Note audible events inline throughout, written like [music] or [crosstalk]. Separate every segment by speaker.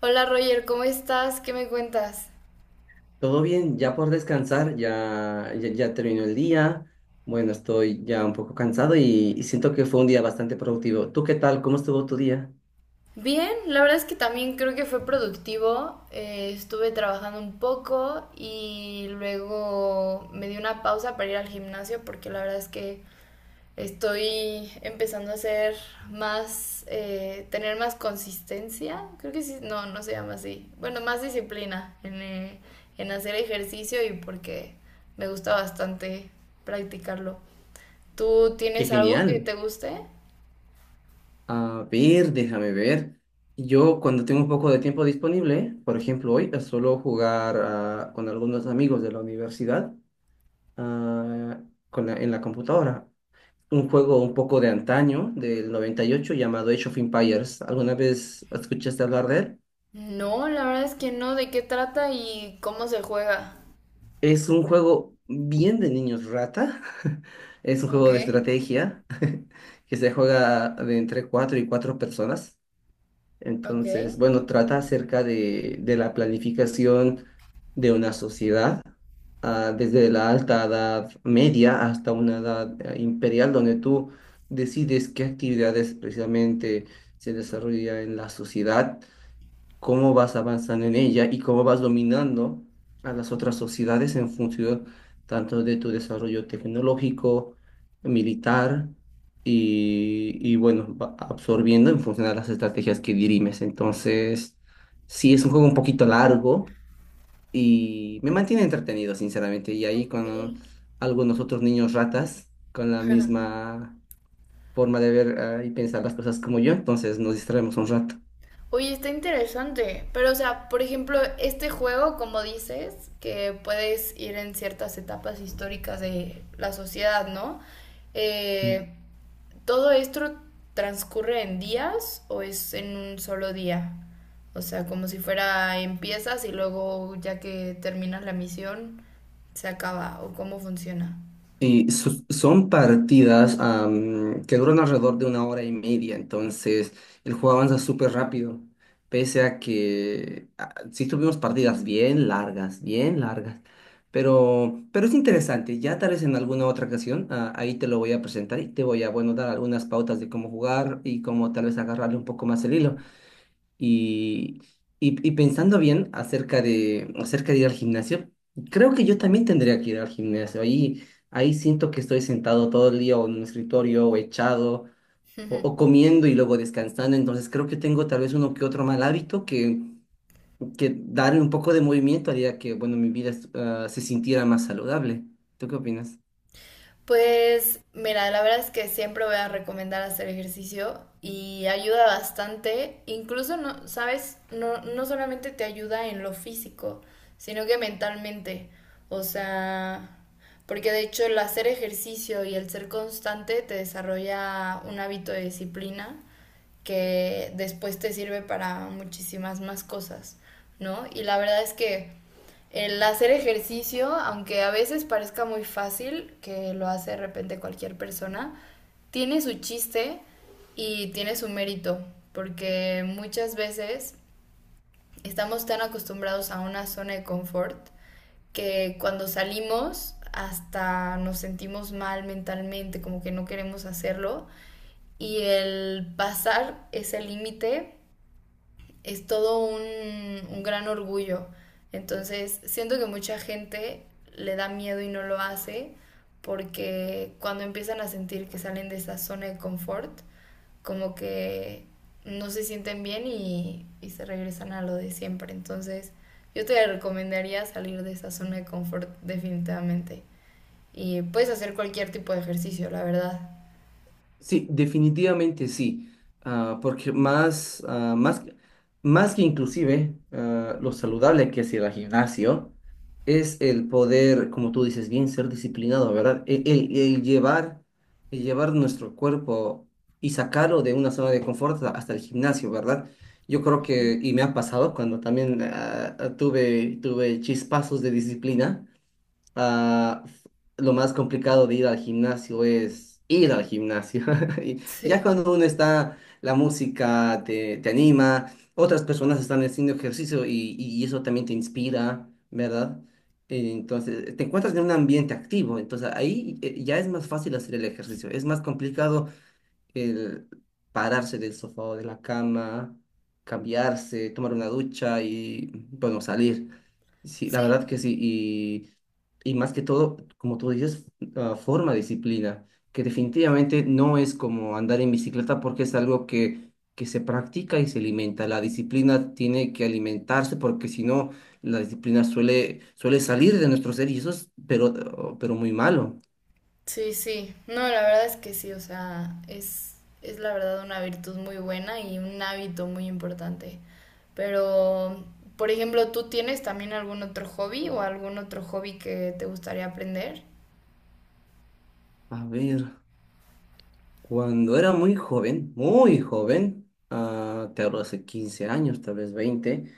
Speaker 1: Hola Roger, ¿cómo estás? ¿Qué me cuentas?
Speaker 2: Todo bien, ya por descansar, ya, ya, ya terminó el día. Bueno, estoy ya un poco cansado y siento que fue un día bastante productivo. ¿Tú qué tal? ¿Cómo estuvo tu día?
Speaker 1: Bien, la verdad es que también creo que fue productivo. Estuve trabajando un poco y luego me di una pausa para ir al gimnasio porque la verdad es que estoy empezando a hacer más, tener más consistencia. Creo que sí, no, no se llama así. Bueno, más disciplina en hacer ejercicio y porque me gusta bastante practicarlo. ¿Tú
Speaker 2: ¡Qué
Speaker 1: tienes algo que te
Speaker 2: genial!
Speaker 1: guste?
Speaker 2: A ver, déjame ver. Yo cuando tengo un poco de tiempo disponible, por ejemplo hoy, suelo jugar con algunos amigos de la universidad, ah, en la computadora. Un juego un poco de antaño, del 98, llamado Age of Empires. ¿Alguna vez escuchaste hablar de él?
Speaker 1: No, la verdad es que no. ¿De qué trata y cómo se juega?
Speaker 2: Es un juego bien de niños rata. [laughs] Es un
Speaker 1: Ok,
Speaker 2: juego de estrategia que se juega de entre cuatro y cuatro personas.
Speaker 1: ok,
Speaker 2: Entonces, bueno, trata acerca de la planificación de una sociedad, desde la alta edad media hasta una edad imperial, donde tú decides qué actividades precisamente se desarrolla en la sociedad, cómo vas avanzando en ella y cómo vas dominando a las otras sociedades en función tanto de tu desarrollo tecnológico, militar y, bueno, va absorbiendo en función de las estrategias que dirimes. Entonces, sí, es un juego un poquito largo y me mantiene entretenido, sinceramente. Y ahí
Speaker 1: ok.
Speaker 2: con algunos otros niños ratas, con la misma forma de ver, y pensar las cosas como yo, entonces nos distraemos un rato.
Speaker 1: Oye, está interesante. Pero, o sea, por ejemplo, este juego, como dices, que puedes ir en ciertas etapas históricas de la sociedad, ¿no? Eh, ¿Todo esto transcurre en días o es en un solo día? O sea, como si fuera empiezas y luego ya que terminas la misión se acaba o cómo funciona.
Speaker 2: Sí, son partidas que duran alrededor de una hora y media, entonces el juego avanza súper rápido, pese a que, sí tuvimos partidas bien largas, pero es interesante, ya tal vez en alguna otra ocasión ahí te lo voy a presentar y te voy a, bueno, dar algunas pautas de cómo jugar y cómo tal vez agarrarle un poco más el hilo. Y, y pensando bien acerca de ir al gimnasio, creo que yo también tendría que ir al gimnasio. Ahí siento que estoy sentado todo el día o en un escritorio o echado o,
Speaker 1: Ujú.
Speaker 2: o comiendo y luego descansando. Entonces creo que tengo tal vez uno que otro mal hábito que darle un poco de movimiento haría que, bueno, mi vida, se sintiera más saludable. ¿Tú qué opinas?
Speaker 1: Pues mira, la verdad es que siempre voy a recomendar hacer ejercicio y ayuda bastante, incluso no, sabes, no, no solamente te ayuda en lo físico, sino que mentalmente. O sea, porque de hecho el hacer ejercicio y el ser constante te desarrolla un hábito de disciplina que después te sirve para muchísimas más cosas, ¿no? Y la verdad es que el hacer ejercicio, aunque a veces parezca muy fácil, que lo hace de repente cualquier persona, tiene su chiste y tiene su mérito, porque muchas veces estamos tan acostumbrados a una zona de confort que cuando salimos hasta nos sentimos mal mentalmente, como que no queremos hacerlo, y el pasar ese límite es todo un gran orgullo. Entonces, siento que mucha gente le da miedo y no lo hace porque cuando empiezan a sentir que salen de esa zona de confort, como que no se sienten bien y se regresan a lo de siempre. Entonces, yo te recomendaría salir de esa zona de confort definitivamente. Y puedes hacer cualquier tipo de ejercicio, la verdad. [laughs]
Speaker 2: Sí, definitivamente sí, porque más que inclusive, lo saludable que es ir al gimnasio, es el poder, como tú dices bien, ser disciplinado, ¿verdad? El llevar nuestro cuerpo y sacarlo de una zona de confort hasta el gimnasio, ¿verdad? Yo creo que, y me ha pasado cuando también, tuve chispazos de disciplina, ah, f- lo más complicado de ir al gimnasio es ir al gimnasio. [laughs] Y ya
Speaker 1: Sí.
Speaker 2: cuando uno está, la música te anima, otras personas están haciendo ejercicio y eso también te inspira, ¿verdad? Entonces, te encuentras en un ambiente activo, entonces ahí, ya es más fácil hacer el ejercicio. Es más complicado el pararse del sofá o de la cama, cambiarse, tomar una ducha y, bueno, salir. Sí, la verdad
Speaker 1: Sí,
Speaker 2: que sí. Y más que todo, como tú dices, forma disciplina, que definitivamente no es como andar en bicicleta porque es algo que se practica y se alimenta. La disciplina tiene que alimentarse porque si no, la disciplina suele salir de nuestro ser y eso es, pero muy malo.
Speaker 1: sí, sí. No, la verdad es que sí, o sea, es la verdad una virtud muy buena y un hábito muy importante. Pero, por ejemplo, ¿tú tienes también algún otro hobby o algún otro hobby que te gustaría aprender?
Speaker 2: A ver. Cuando era muy joven, te hablo hace 15 años, tal vez 20,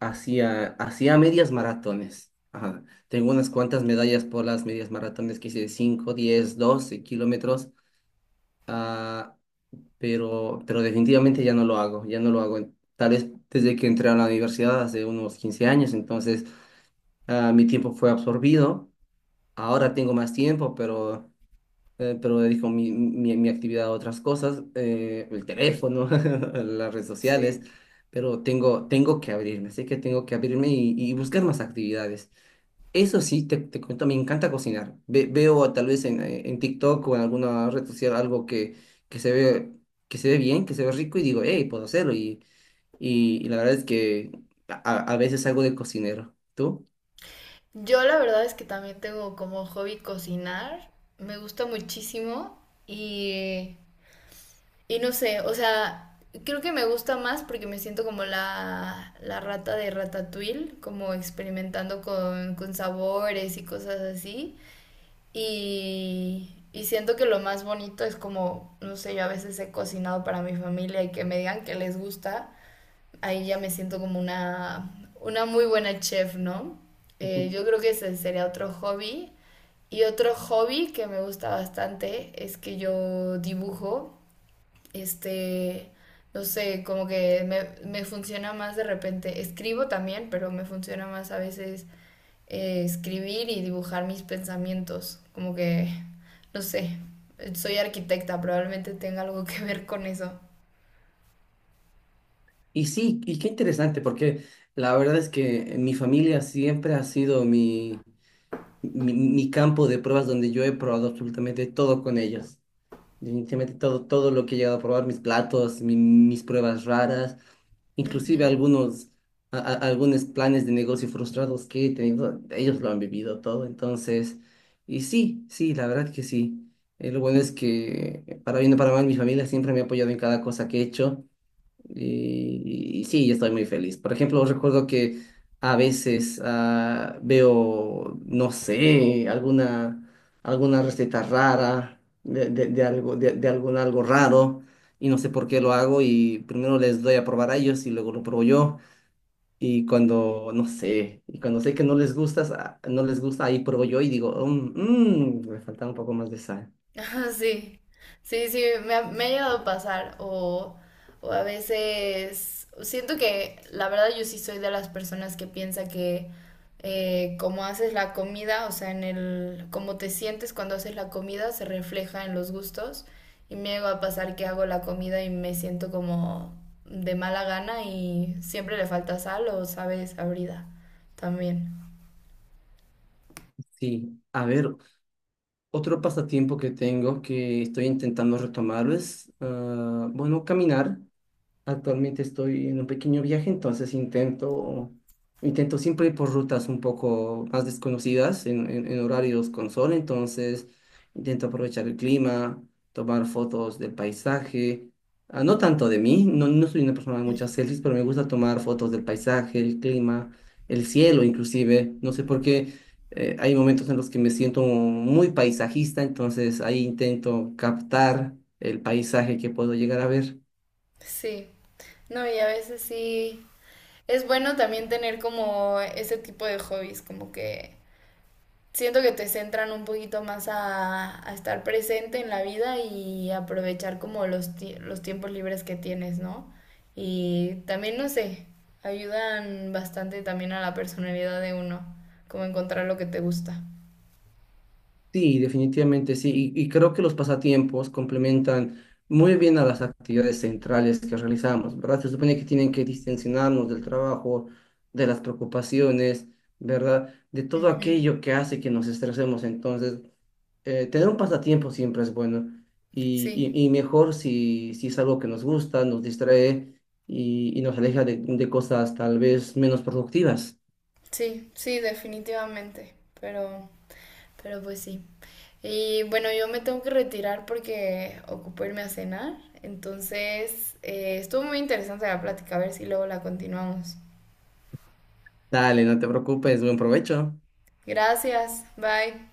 Speaker 2: hacía medias maratones. Ajá. Tengo unas cuantas medallas por las medias maratones que hice de 5, 10, 12 kilómetros, ah, pero definitivamente ya no lo hago, ya no lo hago. Tal vez desde que entré a la universidad hace unos 15 años, entonces, mi tiempo fue absorbido. Ahora tengo más tiempo, pero dedico mi actividad a otras cosas, el teléfono, [laughs] las redes sociales,
Speaker 1: Sí.
Speaker 2: pero tengo que abrirme, así que tengo que abrirme y buscar más actividades. Eso sí, te cuento, me encanta cocinar. Veo tal vez en TikTok o en alguna red social algo que se ve, que se ve bien, que se ve rico y digo, hey, puedo hacerlo. Y la verdad es que a, a veces algo de cocinero. ¿Tú?
Speaker 1: Yo la verdad es que también tengo como hobby cocinar, me gusta muchísimo y Y no sé, o sea, creo que me gusta más porque me siento como la rata de Ratatouille, como experimentando con sabores y cosas así. Y siento que lo más bonito es como, no sé, yo a veces he cocinado para mi familia y que me digan que les gusta. Ahí ya me siento como una muy buena chef, ¿no? Yo creo que ese sería otro hobby. Y otro hobby que me gusta bastante es que yo dibujo este, no sé, como que me funciona más de repente. Escribo también, pero me funciona más a veces escribir y dibujar mis pensamientos. Como que, no sé, soy arquitecta, probablemente tenga algo que ver con eso.
Speaker 2: Y sí, y qué interesante, porque la verdad es que mi familia siempre ha sido mi campo de pruebas donde yo he probado absolutamente todo con ellos. Definitivamente todo lo que he llegado a probar, mis platos, mis pruebas raras, inclusive
Speaker 1: Ujú.
Speaker 2: algunos, algunos planes de negocio frustrados que he tenido, ellos lo han vivido todo. Entonces, y sí, sí, la verdad que sí. Lo bueno es que, para bien o para mal, mi familia siempre me ha apoyado en cada cosa que he hecho. Y y sí, yo estoy muy feliz. Por ejemplo, recuerdo que a veces, veo, no sé, alguna receta rara de algo, de algún algo raro y no sé por qué lo hago y primero les doy a probar a ellos y luego lo pruebo yo. Y cuando sé que no les gusta, no les gusta, ahí pruebo yo y digo, "Mm, mm, me falta un poco más de sal".
Speaker 1: Ajá, sí, sí, sí, me ha llegado a pasar o a veces siento que la verdad yo sí soy de las personas que piensa que como haces la comida, o sea, en el cómo te sientes cuando haces la comida se refleja en los gustos y me llega a pasar que hago la comida y me siento como de mala gana y siempre le falta sal o sabe desabrida también.
Speaker 2: Sí, a ver, otro pasatiempo que tengo que estoy intentando retomar es, bueno, caminar. Actualmente estoy en un pequeño viaje, entonces intento siempre ir por rutas un poco más desconocidas en, en horarios con sol, entonces intento aprovechar el clima, tomar fotos del paisaje, no tanto de mí, no soy una persona de muchas selfies, pero me gusta tomar fotos del paisaje, el clima, el cielo inclusive, no sé por qué, hay momentos en los que me siento muy paisajista, entonces ahí intento captar el paisaje que puedo llegar a ver.
Speaker 1: Sí, no, y a veces sí. Es bueno también tener como ese tipo de hobbies, como que siento que te centran un poquito más a estar presente en la vida y aprovechar como los, ti- los tiempos libres que tienes, ¿no? Y también, no sé, ayudan bastante también a la personalidad de uno, como encontrar lo que te gusta.
Speaker 2: Sí, definitivamente sí. Y creo que los pasatiempos complementan muy bien a las actividades centrales que realizamos, ¿verdad? Se supone que tienen que distensionarnos del trabajo, de las preocupaciones, ¿verdad? De todo
Speaker 1: Ujú.
Speaker 2: aquello que hace que nos estresemos. Entonces, tener un pasatiempo siempre es bueno y,
Speaker 1: Sí,
Speaker 2: y- y mejor si es algo que nos gusta, nos distrae y nos aleja de cosas tal vez menos productivas.
Speaker 1: sí, sí, definitivamente, pero... Pero pues sí. Y bueno, yo me tengo que retirar porque ocupo irme a cenar. Entonces, estuvo muy interesante la plática. A ver si luego la continuamos.
Speaker 2: Dale, no te preocupes, buen provecho.
Speaker 1: Gracias. Bye.